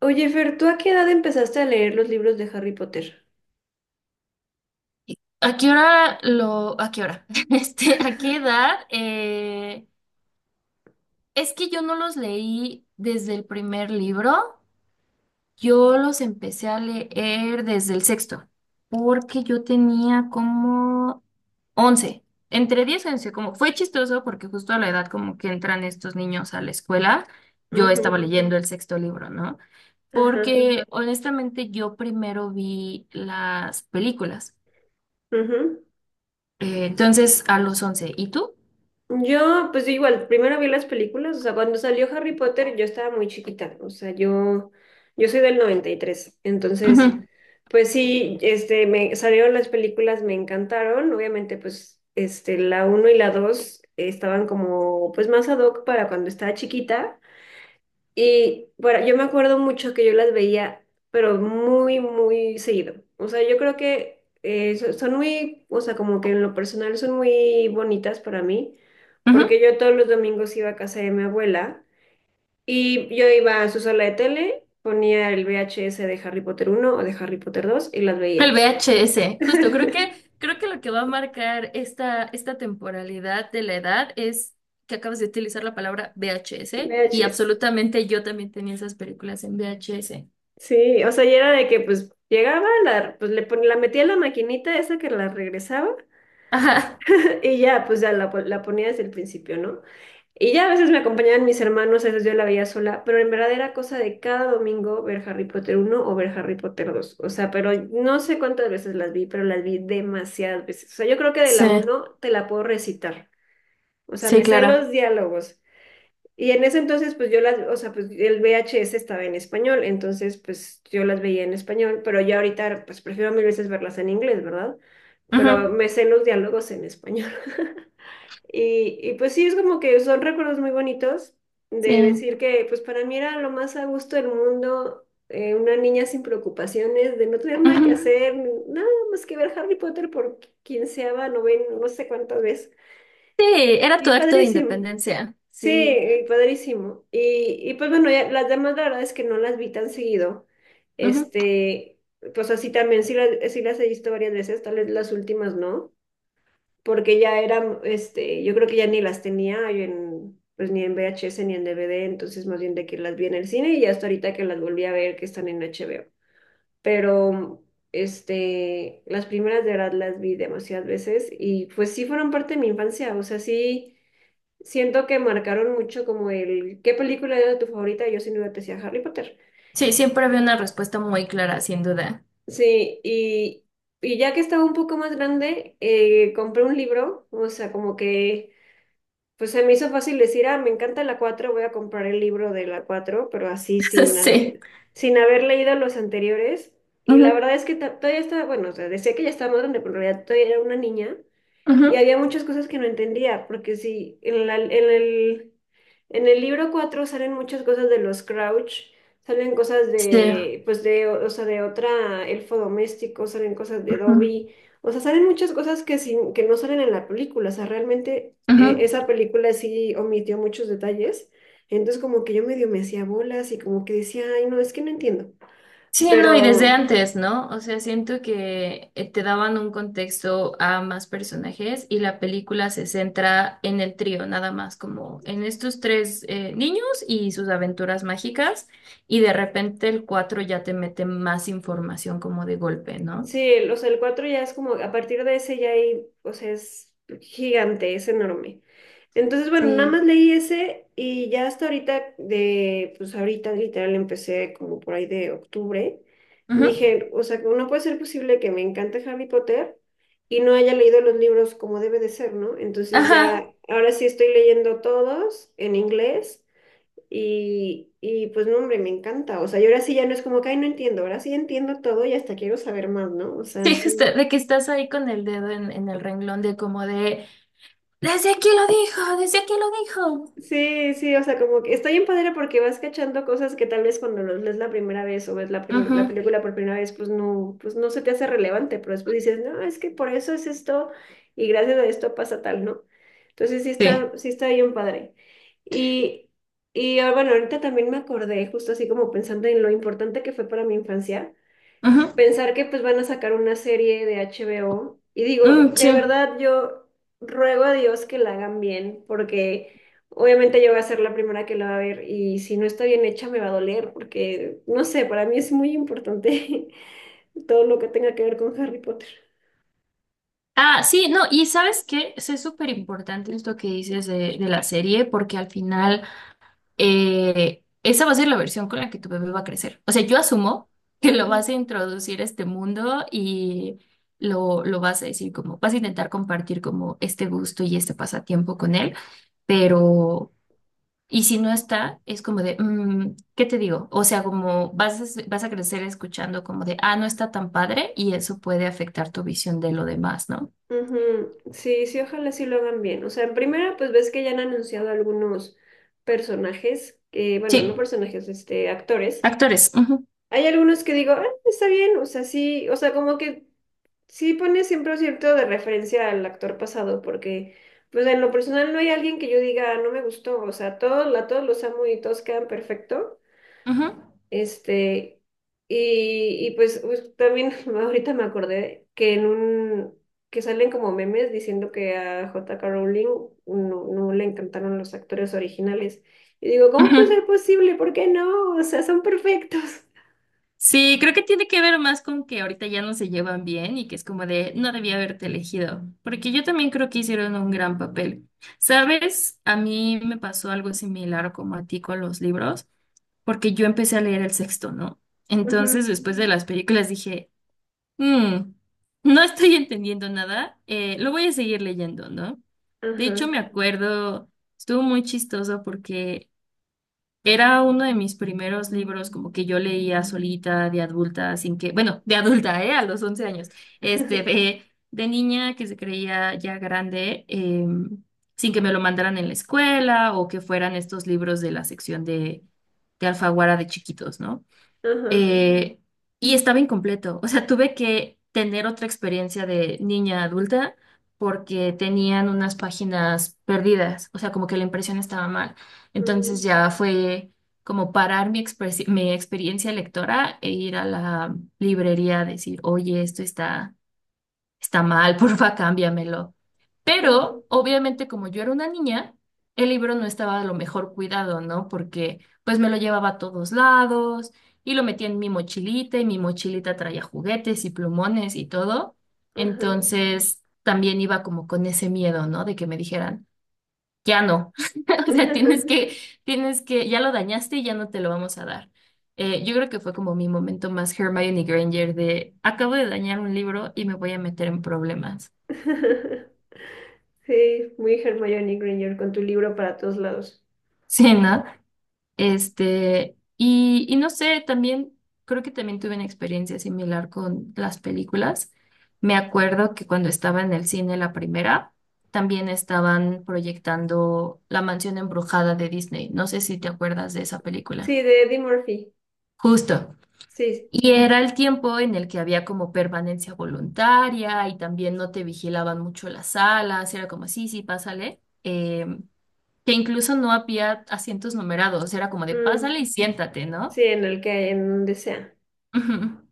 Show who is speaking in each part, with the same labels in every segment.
Speaker 1: Oye, Fer, ¿tú a qué edad empezaste a leer los libros de Harry Potter?
Speaker 2: ¿A qué hora? Este, ¿a qué edad? Es que yo no los leí desde el primer libro, yo los empecé a leer desde el sexto, porque yo tenía como 11, entre 10 y 11. Como fue chistoso porque justo a la edad como que entran estos niños a la escuela, yo
Speaker 1: Ujú,
Speaker 2: estaba leyendo el sexto libro, ¿no?
Speaker 1: ajá,
Speaker 2: Porque honestamente yo primero vi las películas.
Speaker 1: ujú.
Speaker 2: Entonces, a los 11. ¿Y tú?
Speaker 1: Yo, pues yo igual, primero vi las películas, o sea, cuando salió Harry Potter yo estaba muy chiquita, o sea, yo soy del 93. Entonces,
Speaker 2: Ujú,
Speaker 1: pues sí, me salieron las películas, me encantaron, obviamente, pues, la uno y la 2 estaban como, pues, más ad hoc para cuando estaba chiquita. Y bueno, yo me acuerdo mucho que yo las veía, pero muy, muy seguido. O sea, yo creo que son muy, o sea, como que en lo personal son muy bonitas para mí,
Speaker 2: ujú.
Speaker 1: porque yo todos los domingos iba a casa de mi abuela y yo iba a su sala de tele, ponía el VHS de Harry Potter uno o de Harry Potter dos y las
Speaker 2: El
Speaker 1: veía.
Speaker 2: VHS, justo, creo que lo que va a marcar esta temporalidad de la edad es que acabas de utilizar la palabra VHS y
Speaker 1: VHS.
Speaker 2: absolutamente yo también tenía esas películas en VHS.
Speaker 1: Sí, o sea, y era de que pues llegaba, la, pues le pon- la metía en la maquinita esa que la regresaba.
Speaker 2: Ajá.
Speaker 1: Y ya, pues ya la ponía desde el principio, ¿no? Y ya a veces me acompañaban mis hermanos, a veces yo la veía sola, pero en verdad era cosa de cada domingo ver Harry Potter uno o ver Harry Potter dos. O sea, pero no sé cuántas veces las vi, pero las vi demasiadas veces. O sea, yo creo que de
Speaker 2: Sí,
Speaker 1: la uno te la puedo recitar. O sea,
Speaker 2: sí,
Speaker 1: me sé
Speaker 2: claro.
Speaker 1: los diálogos. Y en ese entonces, pues yo las, o sea, pues el VHS estaba en español, entonces pues yo las veía en español, pero ya ahorita pues prefiero mil veces verlas en inglés, ¿verdad? Pero
Speaker 2: Ujú,
Speaker 1: me sé los diálogos en español. Y pues sí, es como que son recuerdos muy bonitos de
Speaker 2: sí.
Speaker 1: decir que pues para mí era lo más a gusto del mundo, una niña sin preocupaciones, de no tener nada que
Speaker 2: Ujú.
Speaker 1: hacer, nada más que ver Harry Potter por quinceava, novena, no sé cuántas veces.
Speaker 2: Sí, era tu
Speaker 1: Y
Speaker 2: acto de
Speaker 1: padrísimo.
Speaker 2: independencia.
Speaker 1: Sí,
Speaker 2: Sí.
Speaker 1: y padrísimo. Y pues bueno, ya las demás la verdad es que no las vi tan seguido.
Speaker 2: Ujú.
Speaker 1: Este, pues así también, sí las he visto varias veces, tal vez las últimas no porque ya eran, yo creo que ya ni las tenía yo pues ni en VHS ni en DVD, entonces más bien de que las vi en el cine y hasta ahorita que las volví a ver que están en HBO. Pero, las primeras de verdad las vi demasiadas veces y pues sí fueron parte de mi infancia, o sea, sí siento que marcaron mucho como el, ¿qué película era tu favorita? Yo sin duda te decía Harry Potter.
Speaker 2: Sí, siempre había una respuesta muy clara, sin duda.
Speaker 1: Sí, y. Y ya que estaba un poco más grande, compré un libro, o sea, como que. Pues se me hizo fácil decir, ah, me encanta la cuatro, voy a comprar el libro de la cuatro, pero así sin
Speaker 2: Sí.
Speaker 1: haber, sin haber leído los anteriores. Y la
Speaker 2: Ujú,
Speaker 1: verdad es que todavía estaba, bueno, o sea, decía que ya estaba más grande, pero en realidad todavía era una niña. Y
Speaker 2: ujú.
Speaker 1: había muchas cosas que no entendía, porque sí, en el libro 4 salen muchas cosas de los Crouch, salen cosas
Speaker 2: Sí.
Speaker 1: de, pues de, o sea, de otra elfo doméstico, salen cosas de
Speaker 2: Ujú,
Speaker 1: Dobby, o sea, salen muchas cosas que no salen en la película, o sea, realmente
Speaker 2: ujú.
Speaker 1: esa película sí omitió muchos detalles, entonces como que yo medio me hacía bolas y como que decía, ay, no, es que no entiendo.
Speaker 2: Sí, no, y desde antes, ¿no? O sea, siento que te daban un contexto a más personajes, y la película se centra en el trío, nada más, como en estos tres niños y sus aventuras mágicas, y de repente el cuatro ya te mete más información como de golpe, ¿no?
Speaker 1: Sí, o sea, el 4 ya es como, a partir de ese ya hay, o sea, es gigante, es enorme. Entonces, bueno, nada
Speaker 2: Sí.
Speaker 1: más leí ese y ya hasta ahorita, pues ahorita literal empecé como por ahí de octubre.
Speaker 2: Ujú.
Speaker 1: Dije, o sea, no puede ser posible que me encante Harry Potter y no haya leído los libros como debe de ser, ¿no? Entonces ya,
Speaker 2: Ajá.
Speaker 1: ahora sí estoy leyendo todos en inglés y pues no, hombre, me encanta. O sea, yo ahora sí ya no es como que, ay, no entiendo, ahora sí entiendo todo y hasta quiero saber más, ¿no? O sea,
Speaker 2: Sí, justo,
Speaker 1: sí.
Speaker 2: de que estás ahí con el dedo en el renglón de como de, desde aquí lo dijo, desde aquí lo dijo.
Speaker 1: Sí, sí, o sea, como que está bien padre porque vas cachando cosas que tal vez cuando los lees la primera vez o ves la, primer-
Speaker 2: Ujú.
Speaker 1: la película por primera vez, pues no se te hace relevante, pero después dices, no, es que por eso es esto y gracias a esto pasa tal, ¿no? Entonces
Speaker 2: Sí.
Speaker 1: sí está bien padre. Y, y ah, bueno, ahorita también me acordé, justo así como pensando en lo importante que fue para mi infancia.
Speaker 2: Ujú.
Speaker 1: Pensar que pues van a sacar una serie de HBO y digo,
Speaker 2: Mm, sí.
Speaker 1: de verdad yo ruego a Dios que la hagan bien porque obviamente yo voy a ser la primera que la va a ver y si no está bien hecha me va a doler porque no sé, para mí es muy importante todo lo que tenga que ver con Harry Potter.
Speaker 2: Ah, sí, no, y sabes que es súper importante esto que dices de la serie, porque al final esa va a ser la versión con la que tu bebé va a crecer. O sea, yo asumo que lo vas a
Speaker 1: Ujú,
Speaker 2: introducir a este mundo y lo vas a decir como, vas a intentar compartir como este gusto y este pasatiempo con él, pero, y si no está, es como de, ¿qué te digo? O sea, como vas a crecer escuchando como de, ah, no está tan padre, y eso puede afectar tu visión de lo demás, ¿no?
Speaker 1: ujú. Sí, sí, ojalá sí lo hagan bien. O sea, en primera, pues ves que ya han anunciado algunos personajes, que, bueno, no
Speaker 2: Sí.
Speaker 1: personajes, actores.
Speaker 2: Actores. Ujú,
Speaker 1: Hay algunos que digo, "Ah, está bien, o sea, sí, o sea, como que sí pone siempre un cierto de referencia al actor pasado, porque pues en lo personal no hay alguien que yo diga, "Ah, no me gustó, o sea, todos, a todos los amo y todos quedan perfecto.
Speaker 2: ujú,
Speaker 1: Este, y pues, también ahorita me acordé que que salen como memes diciendo que a J.K. Rowling no, no le encantaron los actores originales. Y digo, ¿cómo puede
Speaker 2: ujú.
Speaker 1: ser posible? ¿Por qué no? O sea, son perfectos.
Speaker 2: Sí, creo que tiene que ver más con que ahorita ya no se llevan bien y que es como de no debía haberte elegido, porque yo también creo que hicieron un gran papel. ¿Sabes? A mí me pasó algo similar como a ti con los libros, porque yo empecé a leer el sexto, ¿no?
Speaker 1: Ujú.
Speaker 2: Entonces, después de las películas dije, "Mm, no estoy entendiendo nada, lo voy a seguir leyendo, ¿no?" De hecho,
Speaker 1: Ajá.
Speaker 2: me acuerdo, estuvo muy chistoso porque era uno de mis primeros libros como que yo leía solita de adulta. Sin que, bueno, de adulta, ¿eh? A los 11 años. Este, de niña que se creía ya grande, sin que me lo mandaran en la escuela o que fueran estos libros de la sección de Alfaguara de chiquitos, ¿no?
Speaker 1: Ajá.
Speaker 2: eh, y estaba incompleto. O sea, tuve que tener otra experiencia de niña adulta porque tenían unas páginas perdidas. O sea, como que la impresión estaba mal. Entonces
Speaker 1: Mm,
Speaker 2: ya fue como parar mi experiencia lectora e ir a la librería a decir, oye, esto está mal, porfa, cámbiamelo.
Speaker 1: ujú,
Speaker 2: Pero obviamente como yo era una niña, el libro no estaba a lo mejor cuidado, ¿no? Porque pues me lo llevaba a todos lados y lo metía en mi mochilita, y mi mochilita traía juguetes y plumones y todo.
Speaker 1: ajá.
Speaker 2: Entonces también iba como con ese miedo, ¿no? De que me dijeran, ya no. O sea, tienes que, ya lo dañaste y ya no te lo vamos a dar. Yo creo que fue como mi momento más Hermione Granger de acabo de dañar un libro y me voy a meter en problemas.
Speaker 1: Sí, muy Hermione Granger con tu libro para todos lados.
Speaker 2: Sí, ¿no? Este, y no sé, también creo que también tuve una experiencia similar con las películas. Me acuerdo que cuando estaba en el cine la primera, también estaban proyectando La Mansión Embrujada de Disney. No sé si te acuerdas de esa película.
Speaker 1: Sí, de Eddie Murphy.
Speaker 2: Justo.
Speaker 1: Sí.
Speaker 2: Y era el tiempo en el que había como permanencia voluntaria, y también no te vigilaban mucho las salas. Era como, sí, sí, pásale. Em, que incluso no había asientos numerados. Era como de,
Speaker 1: Mm,
Speaker 2: pásale y siéntate,
Speaker 1: sí,
Speaker 2: ¿no?
Speaker 1: en el que en donde sea.
Speaker 2: Ujú,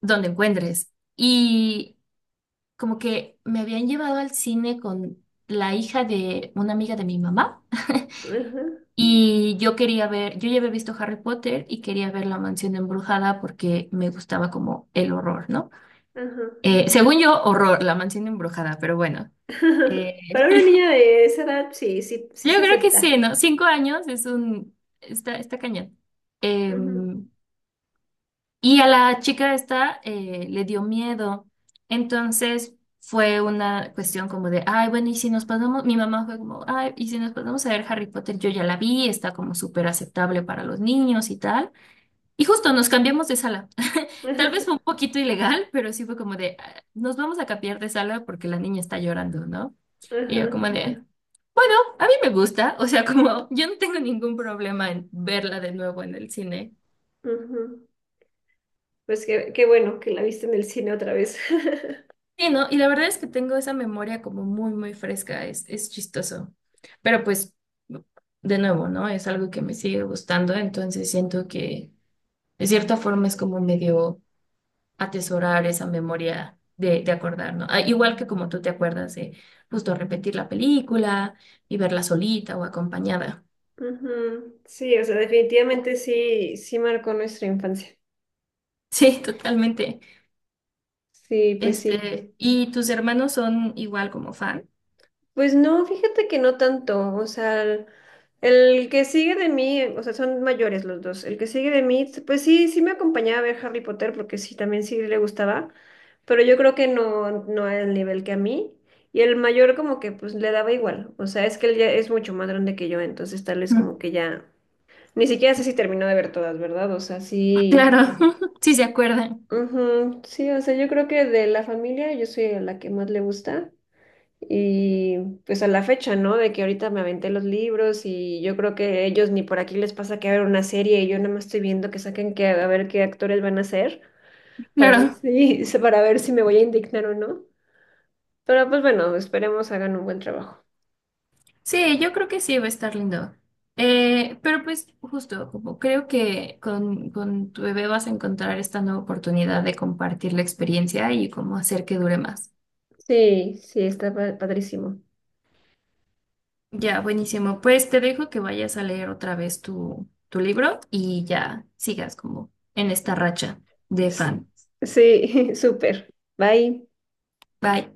Speaker 2: donde encuentres. Y como que me habían llevado al cine con la hija de una amiga de mi mamá,
Speaker 1: Ajá.
Speaker 2: y yo quería ver, yo ya había visto Harry Potter y quería ver La Mansión Embrujada porque me gustaba como el horror, ¿no?
Speaker 1: Ajá.
Speaker 2: Según yo, horror, La Mansión Embrujada, pero bueno. Eh,
Speaker 1: Para una niña de esa edad, sí, sí, sí
Speaker 2: yo
Speaker 1: se
Speaker 2: creo que sí,
Speaker 1: acepta.
Speaker 2: ¿no? 5 años está cañón.
Speaker 1: Ujú,
Speaker 2: Em, Y a la chica esta le dio miedo. Entonces fue una cuestión como de, ay, bueno, y si nos pasamos, mi mamá fue como, ay, y si nos pasamos a ver Harry Potter, yo ya la vi, está como súper aceptable para los niños y tal. Y justo nos cambiamos de sala. Tal vez fue un
Speaker 1: ajá.
Speaker 2: poquito ilegal, pero sí fue como de, "Ah, nos vamos a cambiar de sala porque la niña está llorando, ¿no?" Y yo
Speaker 1: Ajá.
Speaker 2: como de, bueno, a mí me gusta, o sea, como yo no tengo ningún problema en verla de nuevo en el cine.
Speaker 1: Ujú. Pues qué bueno que la viste en el cine otra vez.
Speaker 2: Sí, ¿no? Y la verdad es que tengo esa memoria como muy, muy fresca, es chistoso. Pero pues, de nuevo, ¿no? Es algo que me sigue gustando, entonces siento que de cierta forma es como medio atesorar esa memoria de, acordar, ¿no? Ah, igual que como tú te acuerdas de justo repetir la película y verla solita o acompañada.
Speaker 1: Ujú. Sí, o sea, definitivamente sí, sí marcó nuestra infancia.
Speaker 2: Sí, totalmente.
Speaker 1: Sí.
Speaker 2: Este, ¿y tus hermanos son igual como fan?
Speaker 1: Pues no, fíjate que no tanto. O sea, el que sigue de mí, o sea, son mayores los dos. El que sigue de mí, pues sí, sí me acompañaba a ver Harry Potter porque sí, también sí le gustaba, pero yo creo que no, no al nivel que a mí. Y el mayor como que pues le daba igual. O sea, es que él ya es mucho más grande que yo, entonces tal vez
Speaker 2: Ujú.
Speaker 1: como que ya, ni siquiera sé si terminó de ver todas, ¿verdad? O sea, sí.
Speaker 2: Claro, sí se acuerdan.
Speaker 1: Ujú, sí, o sea, yo creo que de la familia yo soy a la que más le gusta y pues a la fecha, ¿no? De que ahorita me aventé los libros y yo creo que ellos ni por aquí les pasa que hagan una serie y yo nada más estoy viendo que saquen que a ver qué actores van a ser para ver
Speaker 2: Claro.
Speaker 1: si para ver si me voy a indignar o no. Pero pues bueno, esperemos hagan un buen trabajo.
Speaker 2: Sí, yo creo que sí va a estar lindo. Pero pues justo, como creo que con tu bebé vas a encontrar esta nueva oportunidad de compartir la experiencia y cómo hacer que dure más.
Speaker 1: Sí, sí, está padrísimo.
Speaker 2: Ya, buenísimo. Pues te dejo que vayas a leer otra vez tu libro y ya sigas como en esta racha de
Speaker 1: Sí,
Speaker 2: fan.
Speaker 1: sí, súper. Bye.
Speaker 2: Bye.